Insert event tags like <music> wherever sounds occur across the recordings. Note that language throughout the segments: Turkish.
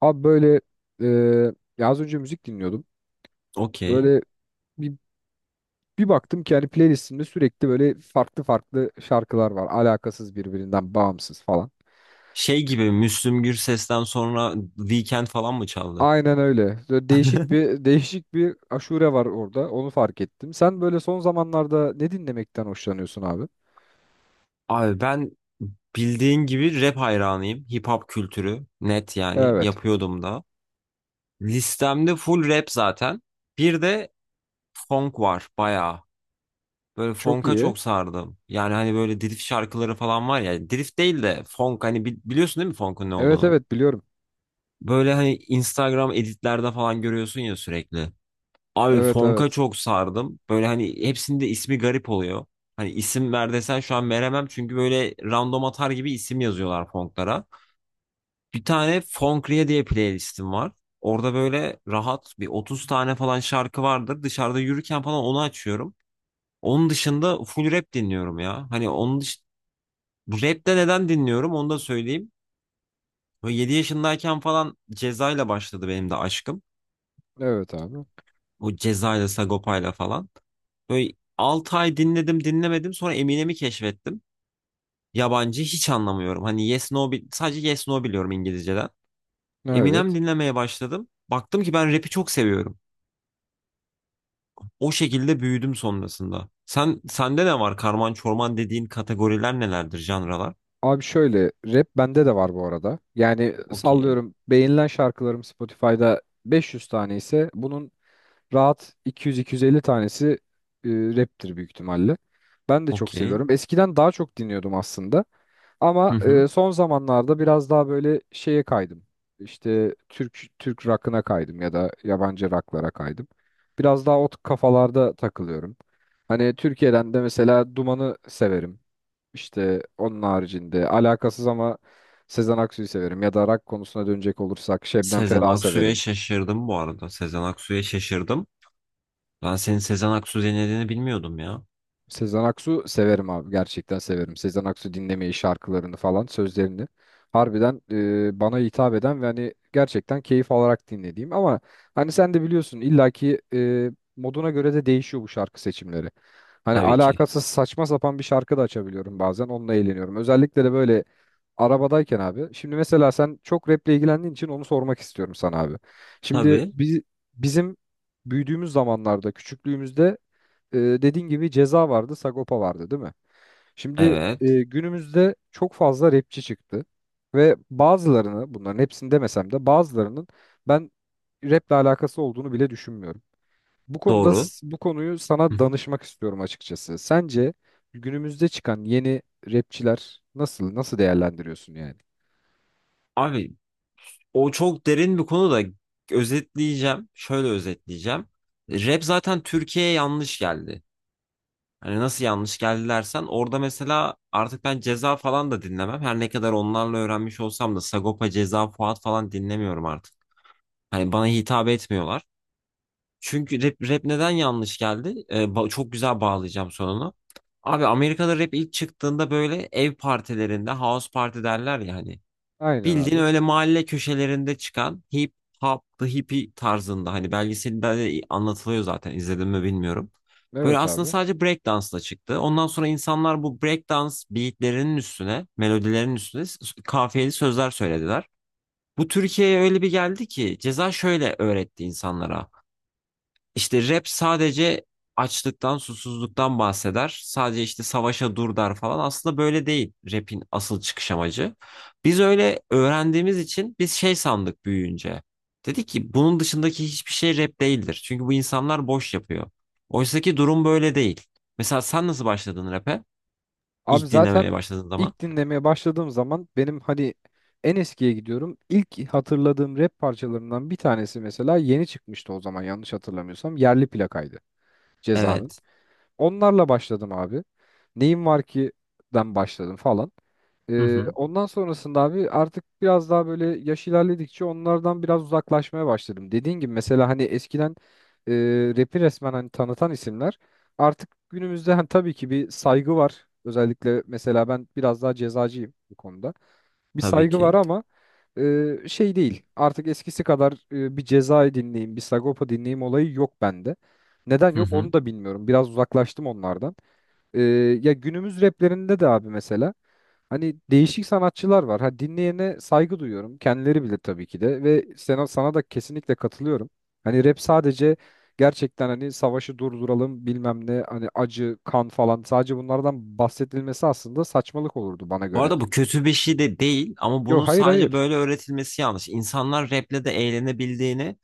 Abi böyle eee ya az önce müzik dinliyordum. Okey. Böyle bir, bir baktım ki hani playlistimde sürekli böyle farklı farklı şarkılar var. Alakasız birbirinden bağımsız falan. Şey gibi Müslüm Gürses'ten sonra Weekend falan mı çaldı? Aynen öyle. Böyle değişik bir aşure var orada. Onu fark ettim. Sen böyle son zamanlarda ne dinlemekten hoşlanıyorsun abi? Abi ben bildiğin gibi rap hayranıyım. Hip hop kültürü net yani Evet. yapıyordum da. Listemde full rap zaten. Bir de funk var bayağı. Böyle Çok funk'a iyi. çok sardım. Yani hani böyle drift şarkıları falan var ya. Drift değil de funk hani biliyorsun değil mi funk'un ne Evet, olduğunu? evet, biliyorum. Böyle hani Instagram editlerde falan görüyorsun ya sürekli. Abi Evet, Fonk'a evet. çok sardım. Böyle hani hepsinde ismi garip oluyor. Hani isim ver desen şu an veremem çünkü böyle random atar gibi isim yazıyorlar Fonk'lara. Bir tane Fonkriye diye playlistim var. Orada böyle rahat bir 30 tane falan şarkı vardır. Dışarıda yürürken falan onu açıyorum. Onun dışında full rap dinliyorum ya. Bu Rap de neden dinliyorum onu da söyleyeyim. Böyle 7 yaşındayken falan Ceza'yla başladı benim de aşkım. Evet abi. Bu Ceza'yla Sagopa'yla falan. Böyle 6 ay dinledim dinlemedim sonra Eminem'i keşfettim. Yabancı hiç anlamıyorum. Hani Yes No sadece Yes No biliyorum İngilizceden. Eminem Evet. dinlemeye başladım. Baktım ki ben rap'i çok seviyorum. O şekilde büyüdüm sonrasında. Sende ne var? Karman çorman dediğin kategoriler nelerdir, janralar? Abi şöyle, rap bende de var bu arada. Yani Okey. sallıyorum, beğenilen şarkılarım Spotify'da 500 tane ise bunun rahat 200-250 tanesi e, raptir büyük ihtimalle. Ben de çok Okey. seviyorum. Eskiden daha çok dinliyordum aslında. Ama Hı hı. Son zamanlarda biraz daha böyle şeye kaydım. İşte Türk rock'ına kaydım ya da yabancı rock'lara kaydım. Biraz daha o kafalarda takılıyorum. Hani Türkiye'den de mesela Duman'ı severim. İşte onun haricinde alakasız ama Sezen Aksu'yu severim ya da rock konusuna dönecek olursak Şebnem Sezen Ferah'ı Aksu'ya severim. şaşırdım bu arada. Sezen Aksu'ya şaşırdım. Ben senin Sezen Aksu dinlediğini bilmiyordum ya. Sezen Aksu severim abi, gerçekten severim. Sezen Aksu dinlemeyi, şarkılarını falan, sözlerini harbiden bana hitap eden ve hani gerçekten keyif alarak dinlediğim, ama hani sen de biliyorsun illaki moduna göre de değişiyor bu şarkı seçimleri. Hani Tabii ki. alakasız saçma sapan bir şarkı da açabiliyorum, bazen onunla eğleniyorum. Özellikle de böyle arabadayken abi. Şimdi mesela sen çok raple ilgilendiğin için onu sormak istiyorum sana abi. Şimdi Tabii. biz, bizim büyüdüğümüz zamanlarda, küçüklüğümüzde, dediğin gibi Ceza vardı, Sagopa vardı, değil mi? Şimdi Evet. Günümüzde çok fazla rapçi çıktı ve bazılarını, bunların hepsini demesem de, bazılarının ben raple alakası olduğunu bile düşünmüyorum. Bu konuda Doğru. Bu konuyu Hı sana hı. danışmak istiyorum açıkçası. Sence günümüzde çıkan yeni rapçiler nasıl değerlendiriyorsun yani? Abi o çok derin bir konu da özetleyeceğim. Şöyle özetleyeceğim. Rap zaten Türkiye'ye yanlış geldi. Hani nasıl yanlış geldi dersen orada mesela artık ben Ceza falan da dinlemem. Her ne kadar onlarla öğrenmiş olsam da Sagopa, Ceza, Fuat falan dinlemiyorum artık. Hani bana hitap etmiyorlar. Çünkü rap neden yanlış geldi? Çok güzel bağlayacağım sonunu. Abi Amerika'da rap ilk çıktığında böyle ev partilerinde house party derler ya hani. Aynen Bildiğin abi. öyle mahalle köşelerinde çıkan hip hop, the hippie tarzında hani belgeselde de anlatılıyor zaten izledim mi bilmiyorum. Böyle Evet aslında abi. sadece breakdance'la çıktı. Ondan sonra insanlar bu breakdance beatlerinin üstüne, melodilerin üstüne kafiyeli sözler söylediler. Bu Türkiye'ye öyle bir geldi ki ceza şöyle öğretti insanlara. İşte rap sadece açlıktan, susuzluktan bahseder. Sadece işte savaşa dur der falan. Aslında böyle değil rap'in asıl çıkış amacı. Biz öyle öğrendiğimiz için biz şey sandık büyüyünce. Dedik ki bunun dışındaki hiçbir şey rap değildir. Çünkü bu insanlar boş yapıyor. Oysaki durum böyle değil. Mesela sen nasıl başladın rap'e? Abi İlk dinlemeye zaten başladığın zaman. ilk dinlemeye başladığım zaman, benim hani en eskiye gidiyorum. İlk hatırladığım rap parçalarından bir tanesi, mesela yeni çıkmıştı o zaman yanlış hatırlamıyorsam, Yerli Plaka'ydı Ceza'nın. Evet. Onlarla başladım abi. Neyim Var ki den başladım falan. Hı hı. Ondan sonrasında abi artık biraz daha böyle yaş ilerledikçe onlardan biraz uzaklaşmaya başladım. Dediğin gibi, mesela hani eskiden e, rap'i resmen hani tanıtan isimler, artık günümüzde hani tabii ki bir saygı var. Özellikle mesela ben biraz daha cezacıyım bu konuda, bir Tabii saygı var ki. ama şey değil. Artık eskisi kadar bir Ceza'yı dinleyeyim, bir Sagopa dinleyeyim olayı yok bende. Neden Hı yok hı. onu da bilmiyorum. Biraz uzaklaştım onlardan. E, ya günümüz raplerinde de abi mesela hani değişik sanatçılar var. Ha, dinleyene saygı duyuyorum. Kendileri bilir tabii ki de, ve sana da kesinlikle katılıyorum. Hani rap sadece, gerçekten hani savaşı durduralım bilmem ne, hani acı, kan falan, sadece bunlardan bahsedilmesi aslında saçmalık olurdu bana Bu göre arada de. bu kötü bir şey de değil ama bunun Yok, hayır, sadece hayır. böyle öğretilmesi yanlış. İnsanlar rap'le de eğlenebildiğini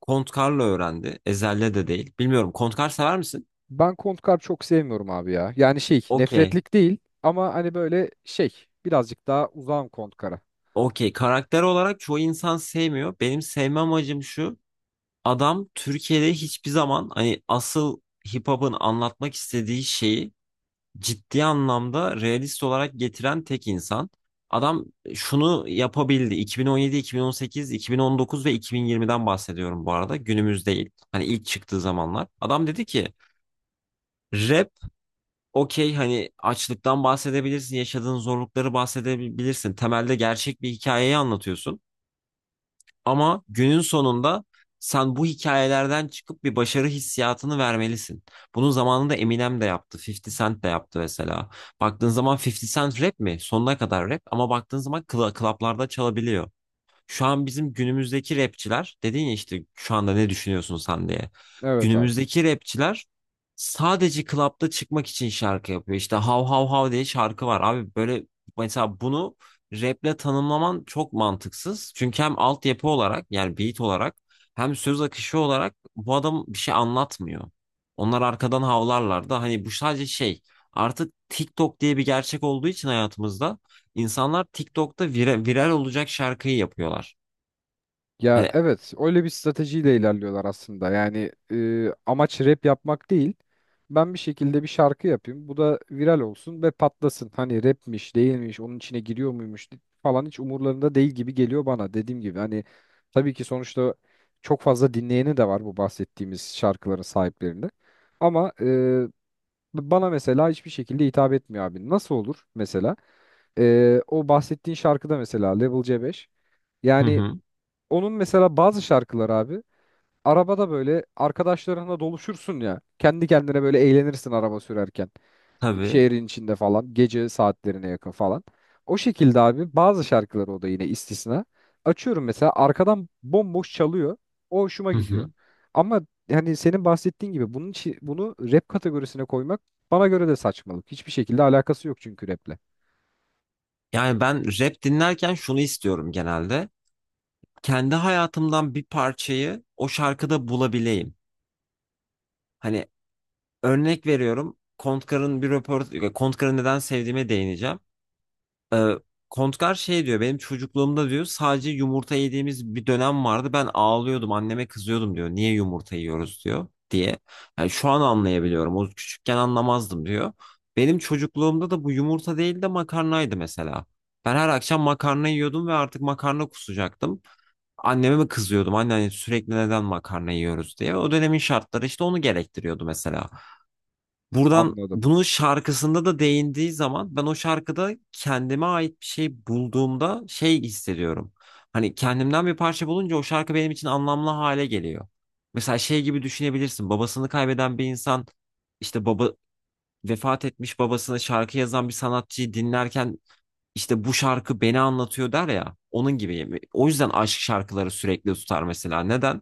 Kontkar'la öğrendi. Ezel'le de değil. Bilmiyorum. Kontkar sever misin? Ben Kontkar çok sevmiyorum abi ya. Yani şey, Okey. nefretlik değil, ama hani böyle şey, birazcık daha uzağım Kontkar'a. Okey. Karakter olarak çoğu insan sevmiyor. Benim sevme amacım şu. Adam Türkiye'de hiçbir zaman hani asıl hip hop'un anlatmak istediği şeyi ciddi anlamda realist olarak getiren tek insan. Adam şunu yapabildi. 2017, 2018, 2019 ve 2020'den bahsediyorum bu arada. Günümüz değil. Hani ilk çıktığı zamanlar. Adam dedi ki rap okey hani açlıktan bahsedebilirsin, yaşadığın zorlukları bahsedebilirsin. Temelde gerçek bir hikayeyi anlatıyorsun. Ama günün sonunda sen bu hikayelerden çıkıp bir başarı hissiyatını vermelisin. Bunu zamanında Eminem de yaptı, 50 Cent de yaptı mesela. Baktığın zaman 50 Cent rap mi? Sonuna kadar rap ama baktığın zaman klaplarda çalabiliyor. Şu an bizim günümüzdeki rapçiler dedin ya işte şu anda ne düşünüyorsun sen diye. Evet abi. Günümüzdeki rapçiler sadece klapta çıkmak için şarkı yapıyor. İşte hav hav hav diye şarkı var. Abi böyle mesela bunu raple tanımlaman çok mantıksız. Çünkü hem altyapı olarak yani beat olarak hem söz akışı olarak bu adam bir şey anlatmıyor. Onlar arkadan havlarlar da hani bu sadece şey artık TikTok diye bir gerçek olduğu için hayatımızda İnsanlar TikTok'ta viral olacak şarkıyı yapıyorlar. Ya Hani. evet, öyle bir stratejiyle ilerliyorlar aslında. Yani amaç rap yapmak değil. Ben bir şekilde bir şarkı yapayım, bu da viral olsun ve patlasın. Hani rapmiş değilmiş, onun içine giriyor muymuş falan, hiç umurlarında değil gibi geliyor bana. Dediğim gibi hani, tabii ki sonuçta çok fazla dinleyeni de var bu bahsettiğimiz şarkıların sahiplerinde. Ama bana mesela hiçbir şekilde hitap etmiyor abi. Nasıl olur mesela? O bahsettiğin şarkıda mesela Level C5. Hı Yani hı. onun mesela bazı şarkılar abi, arabada böyle arkadaşlarınla doluşursun ya. Kendi kendine böyle eğlenirsin araba sürerken, Tabii. şehrin içinde falan, gece saatlerine yakın falan. O şekilde abi bazı şarkıları, o da yine istisna. Açıyorum mesela, arkadan bomboş çalıyor. O hoşuma Hı gidiyor. hı. Ama hani senin bahsettiğin gibi bunun için bunu rap kategorisine koymak bana göre de saçmalık. Hiçbir şekilde alakası yok çünkü raple. Yani ben rap dinlerken şunu istiyorum genelde. Kendi hayatımdan bir parçayı o şarkıda bulabileyim. Hani örnek veriyorum. Kontkar'ın bir röportaj, Kontkar'ı neden sevdiğime değineceğim. Ee, Kontgar şey diyor benim çocukluğumda diyor sadece yumurta yediğimiz bir dönem vardı ben ağlıyordum anneme kızıyordum diyor niye yumurta yiyoruz diyor diye. Yani şu an anlayabiliyorum o küçükken anlamazdım diyor. Benim çocukluğumda da bu yumurta değil de makarnaydı mesela. Ben her akşam makarna yiyordum ve artık makarna kusacaktım. Anneme mi kızıyordum anne hani sürekli neden makarna yiyoruz diye. O dönemin şartları işte onu gerektiriyordu mesela. Buradan Anladım. bunun şarkısında da değindiği zaman ben o şarkıda kendime ait bir şey bulduğumda şey hissediyorum. Hani kendimden bir parça bulunca o şarkı benim için anlamlı hale geliyor. Mesela şey gibi düşünebilirsin. Babasını kaybeden bir insan işte baba vefat etmiş babasına şarkı yazan bir sanatçıyı dinlerken işte bu şarkı beni anlatıyor der ya onun gibi. O yüzden aşk şarkıları sürekli tutar mesela. Neden?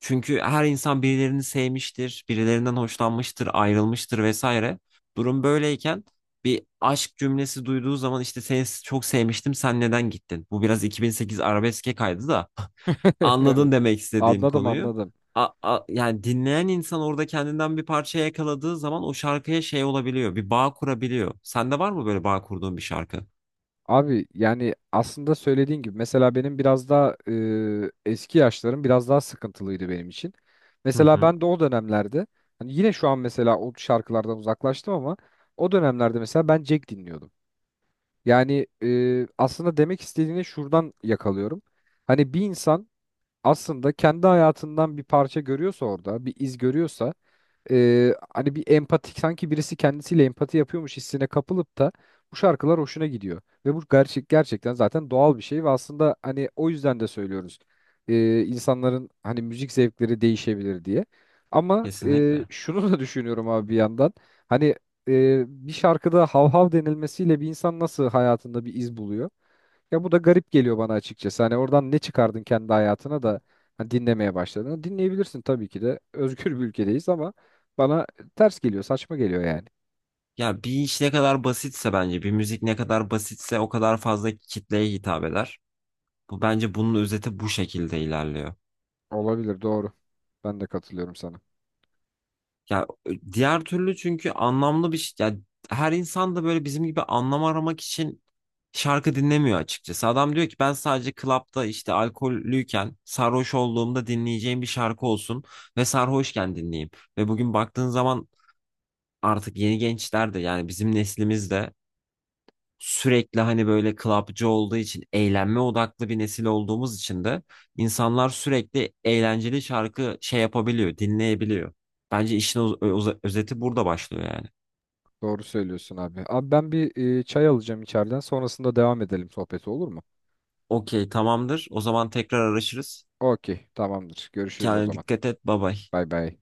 Çünkü her insan birilerini sevmiştir, birilerinden hoşlanmıştır, ayrılmıştır vesaire. Durum böyleyken bir aşk cümlesi duyduğu zaman işte seni çok sevmiştim, sen neden gittin? Bu biraz 2008 arabeske kaydı da <laughs> <laughs> anladın Evet. demek istediğim Anladım, konuyu. anladım. Yani dinleyen insan orada kendinden bir parça yakaladığı zaman o şarkıya şey olabiliyor, bir bağ kurabiliyor. Sende var mı böyle bağ kurduğun bir şarkı? Abi yani aslında söylediğin gibi, mesela benim biraz daha eski yaşlarım biraz daha sıkıntılıydı benim için. Hı Mesela hı. ben de o dönemlerde, hani yine şu an mesela o şarkılardan uzaklaştım ama o dönemlerde mesela ben Jack dinliyordum. Yani aslında demek istediğini şuradan yakalıyorum. Hani bir insan aslında kendi hayatından bir parça görüyorsa, orada bir iz görüyorsa hani bir empatik, sanki birisi kendisiyle empati yapıyormuş hissine kapılıp da bu şarkılar hoşuna gidiyor. Ve bu gerçekten zaten doğal bir şey ve aslında hani o yüzden de söylüyoruz. İnsanların hani müzik zevkleri değişebilir diye. Ama Kesinlikle. şunu da düşünüyorum abi bir yandan. Hani bir şarkıda hav hav denilmesiyle bir insan nasıl hayatında bir iz buluyor? Ya bu da garip geliyor bana açıkçası. Hani oradan ne çıkardın kendi hayatına da hani dinlemeye başladın. Dinleyebilirsin tabii ki de. <laughs> Özgür bir ülkedeyiz ama bana ters geliyor, saçma geliyor yani. Ya bir iş ne kadar basitse bence, bir müzik ne kadar basitse o kadar fazla kitleye hitap eder. Bu bence bunun özeti bu şekilde ilerliyor. Olabilir, doğru. Ben de katılıyorum sana. Ya diğer türlü çünkü anlamlı bir şey. Ya her insan da böyle bizim gibi anlam aramak için şarkı dinlemiyor açıkçası. Adam diyor ki ben sadece klapta işte alkollüyken sarhoş olduğumda dinleyeceğim bir şarkı olsun ve sarhoşken dinleyeyim. Ve bugün baktığın zaman artık yeni gençler de yani bizim neslimizde sürekli hani böyle clubcı olduğu için eğlenme odaklı bir nesil olduğumuz için de insanlar sürekli eğlenceli şarkı şey yapabiliyor, dinleyebiliyor. Bence işin özeti burada başlıyor yani. Doğru söylüyorsun abi. Abi ben bir çay alacağım içeriden. Sonrasında devam edelim sohbeti, olur mu? Okey, tamamdır. O zaman tekrar araşırız. Okey, tamamdır. Görüşürüz o Kendine zaman. dikkat et. Bye bye. Bay bay.